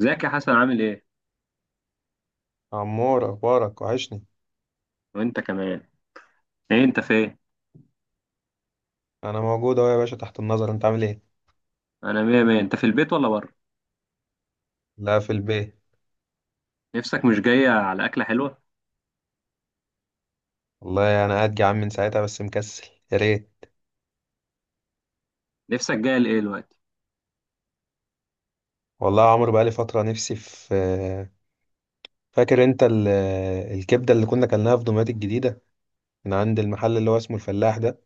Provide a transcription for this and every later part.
ازيك يا حسن، عامل ايه؟ عمور، اخبارك، وحشني. وانت كمان. ايه انت فين؟ انا موجود اهو يا باشا، تحت النظر. انت عامل ايه؟ انا مية مية. انت في البيت ولا بره؟ لا، في البيت. نفسك مش جاية على اكلة حلوة؟ والله انا قاعد جعان من ساعتها بس مكسل. يا ريت. نفسك جاية لايه دلوقتي؟ والله يا عمرو، بقالي فتره نفسي في فاكر انت الكبده اللي كنا كلناها في دمياط الجديده من عند المحل اللي هو اسمه الفلاح ده.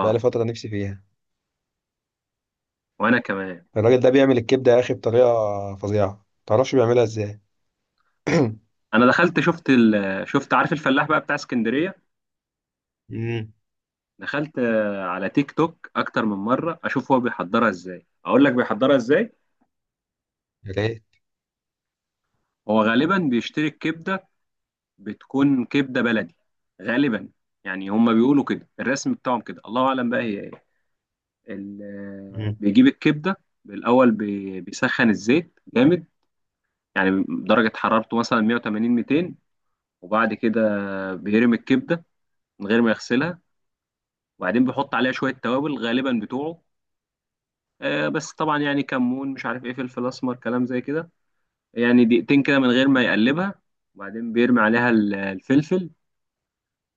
بقالي فتره نفسي فيها. وانا كمان. الراجل ده بيعمل الكبده يا اخي بطريقه فظيعه، متعرفش بيعملها ازاي. انا دخلت شفت شفت، عارف الفلاح بقى بتاع اسكندرية؟ امم. دخلت على تيك توك اكتر من مرة اشوف هو بيحضرها ازاي، اقول لك بيحضرها ازاي؟ يا ريت. هو غالبا بيشتري الكبدة، بتكون كبدة بلدي غالبا. يعني هما بيقولوا كده، الرسم بتاعهم كده، الله اعلم بقى هي ايه. مم. بيجيب الكبده بالاول بيسخن الزيت جامد، يعني درجه حرارته مثلا 180 200، وبعد كده بيرمي الكبده من غير ما يغسلها، وبعدين بيحط عليها شويه توابل غالبا بتوعه. بس طبعا يعني كمون مش عارف ايه، فلفل اسمر، كلام زي كده. يعني دقيقتين كده من غير ما يقلبها، وبعدين بيرمي عليها الفلفل،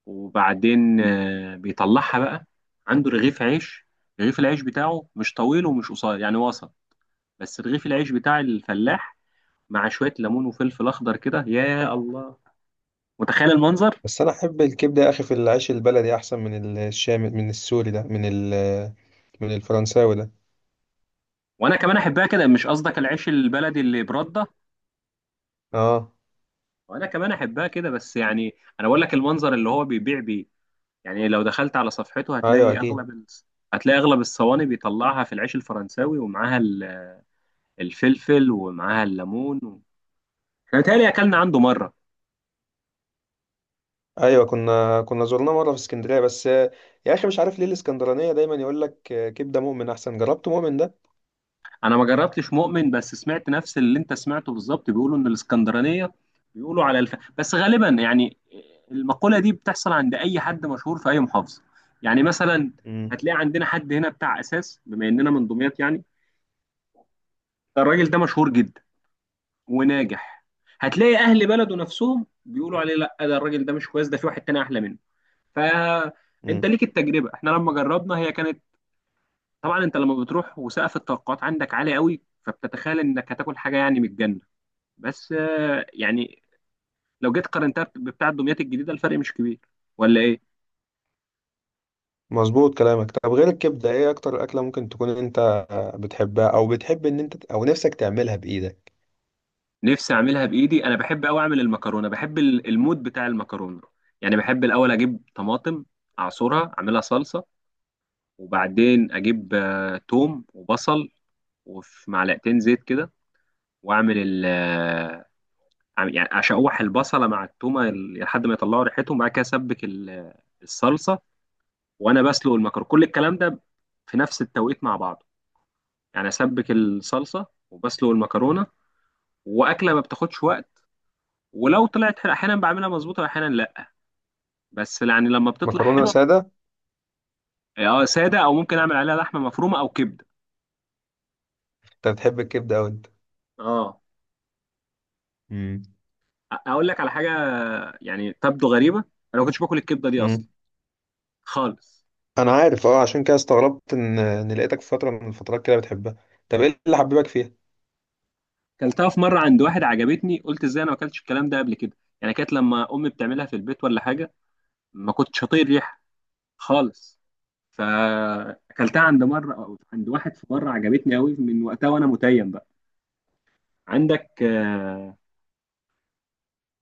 وبعدين بيطلعها بقى. عنده رغيف عيش، رغيف العيش بتاعه مش طويل ومش قصير يعني وسط، بس رغيف العيش بتاع الفلاح مع شويه ليمون وفلفل اخضر كده، يا الله متخيل المنظر. بس انا احب الكبده يا اخي في العيش البلدي احسن من الشام، من السوري ده، من الفرنساوي ده. وانا كمان احبها كده، مش قصدك العيش البلدي اللي برده. اه. وانا كمان احبها كده بس يعني انا بقول لك المنظر اللي هو بيبيع بيه. يعني لو دخلت على صفحته ايوه، هتلاقي اكيد. اغلب هتلاقي اغلب الصواني بيطلعها في العيش الفرنساوي ومعاها الفلفل ومعاها الليمون احنا بيتهيألي اكلنا عنده مره. ايوه، كنا زرناه مره في اسكندريه بس يا اخي مش عارف ليه الاسكندرانيه دايما يقول لك كبده مؤمن احسن. جربت مؤمن ده؟ انا ما جربتش مؤمن، بس سمعت نفس اللي انت سمعته بالظبط. بيقولوا ان الاسكندرانيه بيقولوا على بس غالبا يعني المقوله دي بتحصل عند اي حد مشهور في اي محافظه. يعني مثلا امم. هتلاقي عندنا حد هنا بتاع اساس، بما اننا من دمياط يعني. ده الراجل ده مشهور جدا وناجح، هتلاقي اهل بلده نفسهم بيقولوا عليه لا ده الراجل ده مش كويس، ده في واحد تاني احلى منه. فانت امم. ليك التجربه، احنا لما جربنا هي كانت... طبعا انت لما بتروح وسقف التوقعات عندك عالي قوي فبتتخيل انك هتاكل حاجه يعني من الجنه. بس يعني لو جيت قارنتها بتاع دمياط الجديده الفرق مش كبير، ولا ايه؟ مظبوط كلامك. طب غير الكبده، ايه اكتر اكله ممكن تكون انت بتحبها او بتحب ان انت او نفسك تعملها بايدك؟ نفسي اعملها بايدي. انا بحب قوي اعمل المكرونه، بحب المود بتاع المكرونه. يعني بحب الاول اجيب طماطم، اعصرها اعملها صلصه، وبعدين اجيب توم وبصل، وفي معلقتين زيت كده، واعمل يعني اشوح البصله مع التومه ال- لحد ما يطلعوا ريحتهم، بعد كده اسبك الصلصه، وانا بسلق المكرونه. كل الكلام ده في نفس التوقيت مع بعض، يعني اسبك الصلصه وبسلق المكرونه، واكله ما بتاخدش وقت. ولو طلعت حلوة احيانا بعملها مظبوطه واحيانا لا، بس يعني لما بتطلع مكرونه حلوه... ساده؟ اه ساده، او ممكن اعمل عليها لحمه مفرومه او كبده. انت بتحب الكبده او انت؟ اه. امم. اقول لك على حاجه يعني تبدو غريبه. انا ما كنتش باكل الكبده دي اصلا، امم. خالص. انا عارف، اه، عشان كده استغربت ان لقيتك في فتره من الفترات كده بتحبها. طب ايه اللي حببك فيها؟ كلتها في مره عند واحد، عجبتني. قلت ازاي انا ما اكلتش الكلام ده قبل كده؟ يعني كانت لما امي بتعملها في البيت ولا حاجه ما كنتش هطيق الريحه خالص. فاكلتها عند مره عند واحد في مره عجبتني قوي، من وقتها وانا متيم. عندك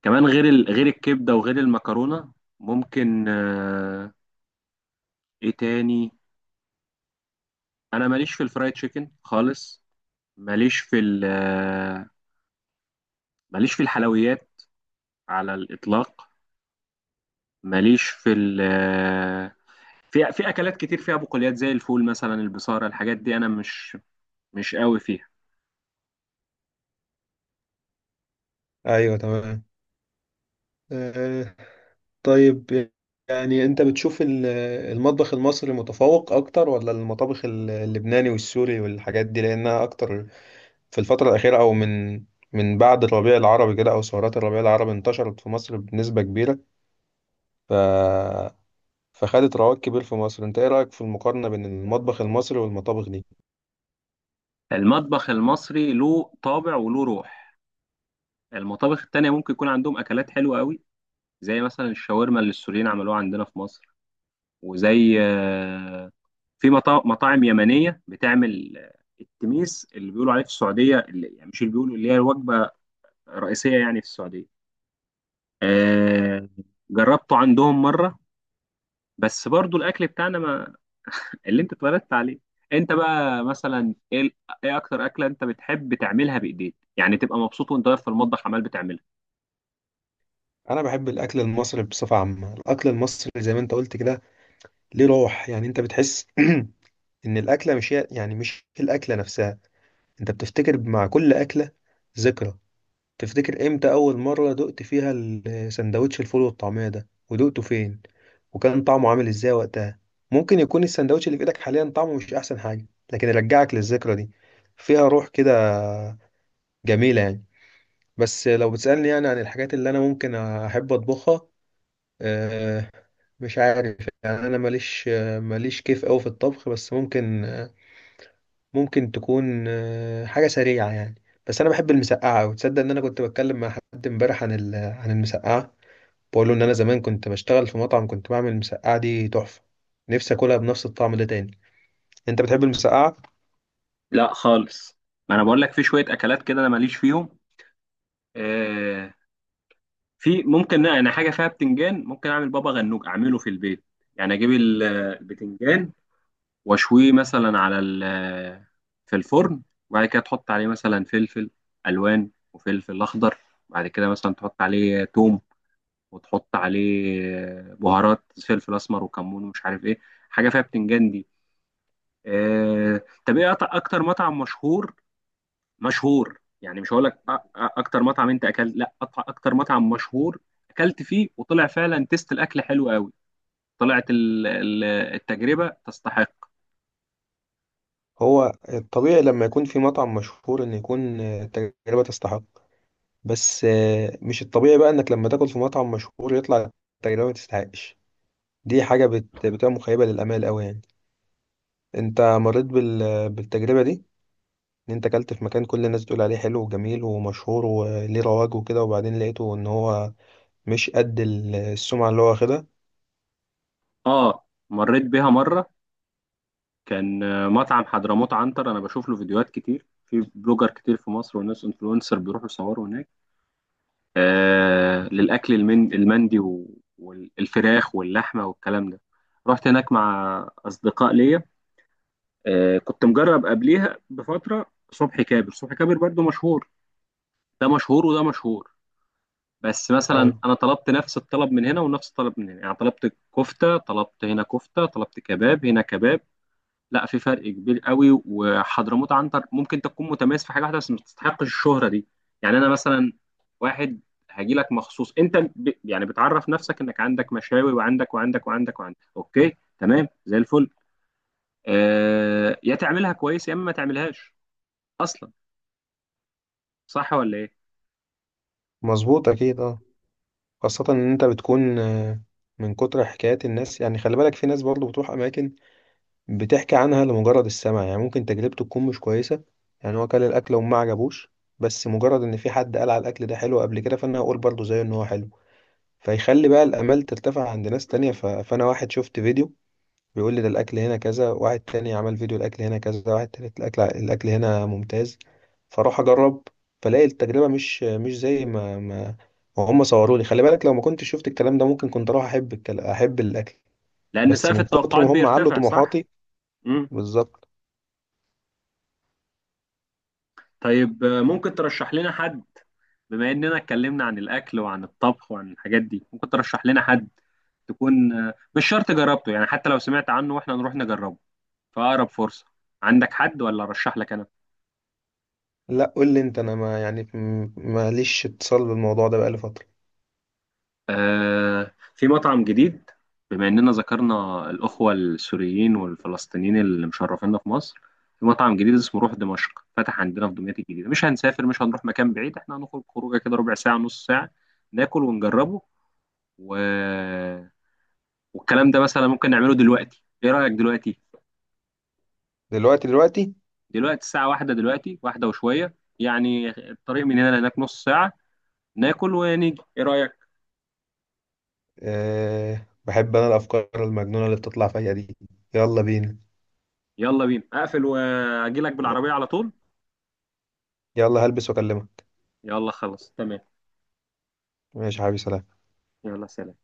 كمان غير غير الكبده وغير المكرونه ممكن ايه تاني؟ انا ماليش في الفرايد تشيكن خالص، ماليش في ال... آه، ماليش في الحلويات على الاطلاق، ماليش في ال... آه، في اكلات كتير فيها بقوليات زي الفول مثلا، البصاره، الحاجات دي انا مش قوي فيها. ايوه. تمام. طيب. يعني انت بتشوف المطبخ المصري متفوق اكتر ولا المطابخ اللبناني والسوري والحاجات دي لانها اكتر في الفترة الأخيرة، او من بعد الربيع العربي كده، او ثورات الربيع العربي انتشرت في مصر بنسبة كبيرة، ف فخدت رواج كبير في مصر. انت ايه رأيك في المقارنة بين المطبخ المصري والمطابخ دي؟ المطبخ المصري له طابع وله روح، المطابخ التانية ممكن يكون عندهم اكلات حلوه قوي، زي مثلا الشاورما اللي السوريين عملوها عندنا في مصر، وزي في مطاعم يمنيه بتعمل التميس اللي بيقولوا عليه في السعوديه، اللي يعني مش اللي بيقولوا اللي هي وجبه رئيسيه يعني في السعوديه. آه، جربته عندهم مره، بس برضو الاكل بتاعنا، ما اللي انت اتولدت عليه. انت بقى مثلا ايه ايه اكتر اكله انت بتحب تعملها بايديك، يعني تبقى مبسوط وانت واقف في المطبخ عمال بتعملها؟ انا بحب الاكل المصري بصفة عامة. الاكل المصري زي ما انت قلت كده ليه روح، يعني انت بتحس ان الاكله مش هي، يعني مش الاكله نفسها. انت بتفتكر مع كل أكلة ذكرى. تفتكر امتى أول مرة دقت فيها السندوتش الفول والطعمية ده، ودقته فين، وكان طعمه عامل ازاي وقتها. ممكن يكون السندوتش اللي في ايدك حاليا طعمه مش احسن حاجة، لكن يرجعك للذكرى دي. فيها روح كده، جميلة يعني. بس لو بتسألني يعني عن الحاجات اللي انا ممكن احب اطبخها، آه، مش عارف. يعني انا ماليش كيف قوي في الطبخ، بس ممكن تكون حاجة سريعة يعني. بس أنا بحب المسقعة أوي. تصدق إن أنا كنت بتكلم مع حد إمبارح عن عن المسقعة؟ بقول له إن أنا زمان كنت بشتغل في مطعم، كنت بعمل المسقعة دي تحفة. نفسي أكلها بنفس الطعم ده تاني. أنت بتحب المسقعة؟ لا خالص، ما انا بقول لك في شويه اكلات كده انا ماليش فيهم. آه، في ممكن انا حاجه فيها بتنجان، ممكن اعمل بابا غنوج اعمله في البيت. يعني اجيب البتنجان واشويه مثلا على في الفرن، وبعد كده تحط عليه مثلا فلفل الوان وفلفل اخضر، بعد كده مثلا تحط عليه توم، وتحط عليه بهارات فلفل اسمر وكمون ومش عارف ايه. حاجه فيها بتنجان دي. طب ايه اكتر مطعم مشهور، مشهور يعني مش هقول لك اكتر مطعم انت اكلت، لا اكتر مطعم مشهور اكلت فيه وطلع فعلا تيست الاكل حلو قوي، طلعت التجربه تستحق. هو الطبيعي لما يكون في مطعم مشهور إن يكون التجربة تستحق. بس مش الطبيعي بقى إنك لما تاكل في مطعم مشهور يطلع التجربة ما تستحقش. دي حاجة بتبقى مخيبة للآمال أوي يعني. أنت مريت بالتجربة دي؟ ان انت اكلت في مكان كل الناس بتقول عليه حلو وجميل ومشهور وليه رواج وكده، وبعدين لقيته ان هو مش قد السمعة اللي هو واخدها. اه مريت بيها مره. كان مطعم حضرموت عنتر، انا بشوف له فيديوهات كتير في بلوجر كتير في مصر وناس انفلونسر بيروحوا يصوروا هناك، آه للاكل المندي والفراخ واللحمه والكلام ده. رحت هناك مع اصدقاء ليا. كنت مجرب قبليها بفترة صبحي كابر. صبحي كابر برضو مشهور، ده مشهور وده مشهور. بس مثلا ايوه. انا طلبت نفس الطلب من هنا ونفس الطلب من هنا، يعني طلبت كفتة طلبت هنا كفتة، طلبت كباب هنا كباب. لا في فرق كبير قوي، وحضرموت عنتر ممكن تكون متميز في حاجة واحدة بس ما تستحقش الشهرة دي. يعني انا مثلا، واحد هاجي لك مخصوص انت ب... يعني بتعرف نفسك انك عندك مشاوي وعندك وعندك وعندك وعندك، اوكي تمام زي الفل. يا تعملها كويس يا اما ما تعملهاش اصلا، صح ولا ايه؟ مظبوط، اكيد، اه. خاصة ان انت بتكون من كتر حكايات الناس، يعني خلي بالك في ناس برضو بتروح اماكن بتحكي عنها لمجرد السمع، يعني ممكن تجربته تكون مش كويسة. يعني هو كل الاكل وما عجبوش. بس مجرد ان في حد قال على الاكل ده حلو قبل كده، فانا هقول برضو زيه ان هو حلو، فيخلي بقى الامال ترتفع عند ناس تانية. فانا واحد شفت فيديو بيقول لي ده الاكل هنا كذا، واحد تاني عمل فيديو الاكل هنا كذا، واحد تالت الاكل هنا ممتاز. فاروح اجرب، فلاقي التجربه مش زي ما هم صوروا لي. خلي بالك لو ما كنتش شفت الكلام ده ممكن كنت اروح احب احب الاكل. لأن بس سقف من كتر التوقعات ما هم علوا بيرتفع، صح؟ طموحاتي. مم. بالظبط. طيب، ممكن ترشح لنا حد؟ بما إننا اتكلمنا عن الأكل وعن الطبخ وعن الحاجات دي، ممكن ترشح لنا حد تكون مش شرط جربته، يعني حتى لو سمعت عنه واحنا نروح نجربه في أقرب فرصة. عندك حد ولا أرشح لك أنا؟ لا، قول لي انت. انا ما يعني ماليش اتصال بالموضوع ده بقالي فتره. في مطعم جديد، بما إننا ذكرنا الأخوة السوريين والفلسطينيين اللي مشرفيننا في مصر، في مطعم جديد اسمه روح دمشق فتح عندنا في دمياط الجديدة. مش هنسافر، مش هنروح مكان بعيد، احنا هنخرج خروجة كده ربع ساعة نص ساعة، ناكل ونجربه و... والكلام ده مثلا ممكن نعمله دلوقتي، إيه رأيك دلوقتي؟ دلوقتي؟ دلوقتي؟ دلوقتي الساعة واحدة، دلوقتي واحدة وشوية، يعني الطريق من هنا لهناك نص ساعة، ناكل ونيجي، إيه رأيك؟ أه، بحب انا الافكار المجنونه اللي بتطلع فيا دي. يلا بينا. يلا بينا، أقفل وأجيلك ي- بالعربية على طول. يلا هلبس واكلمك. يلا خلاص تمام. ماشي يا حبيبي، سلام. يلا سلام.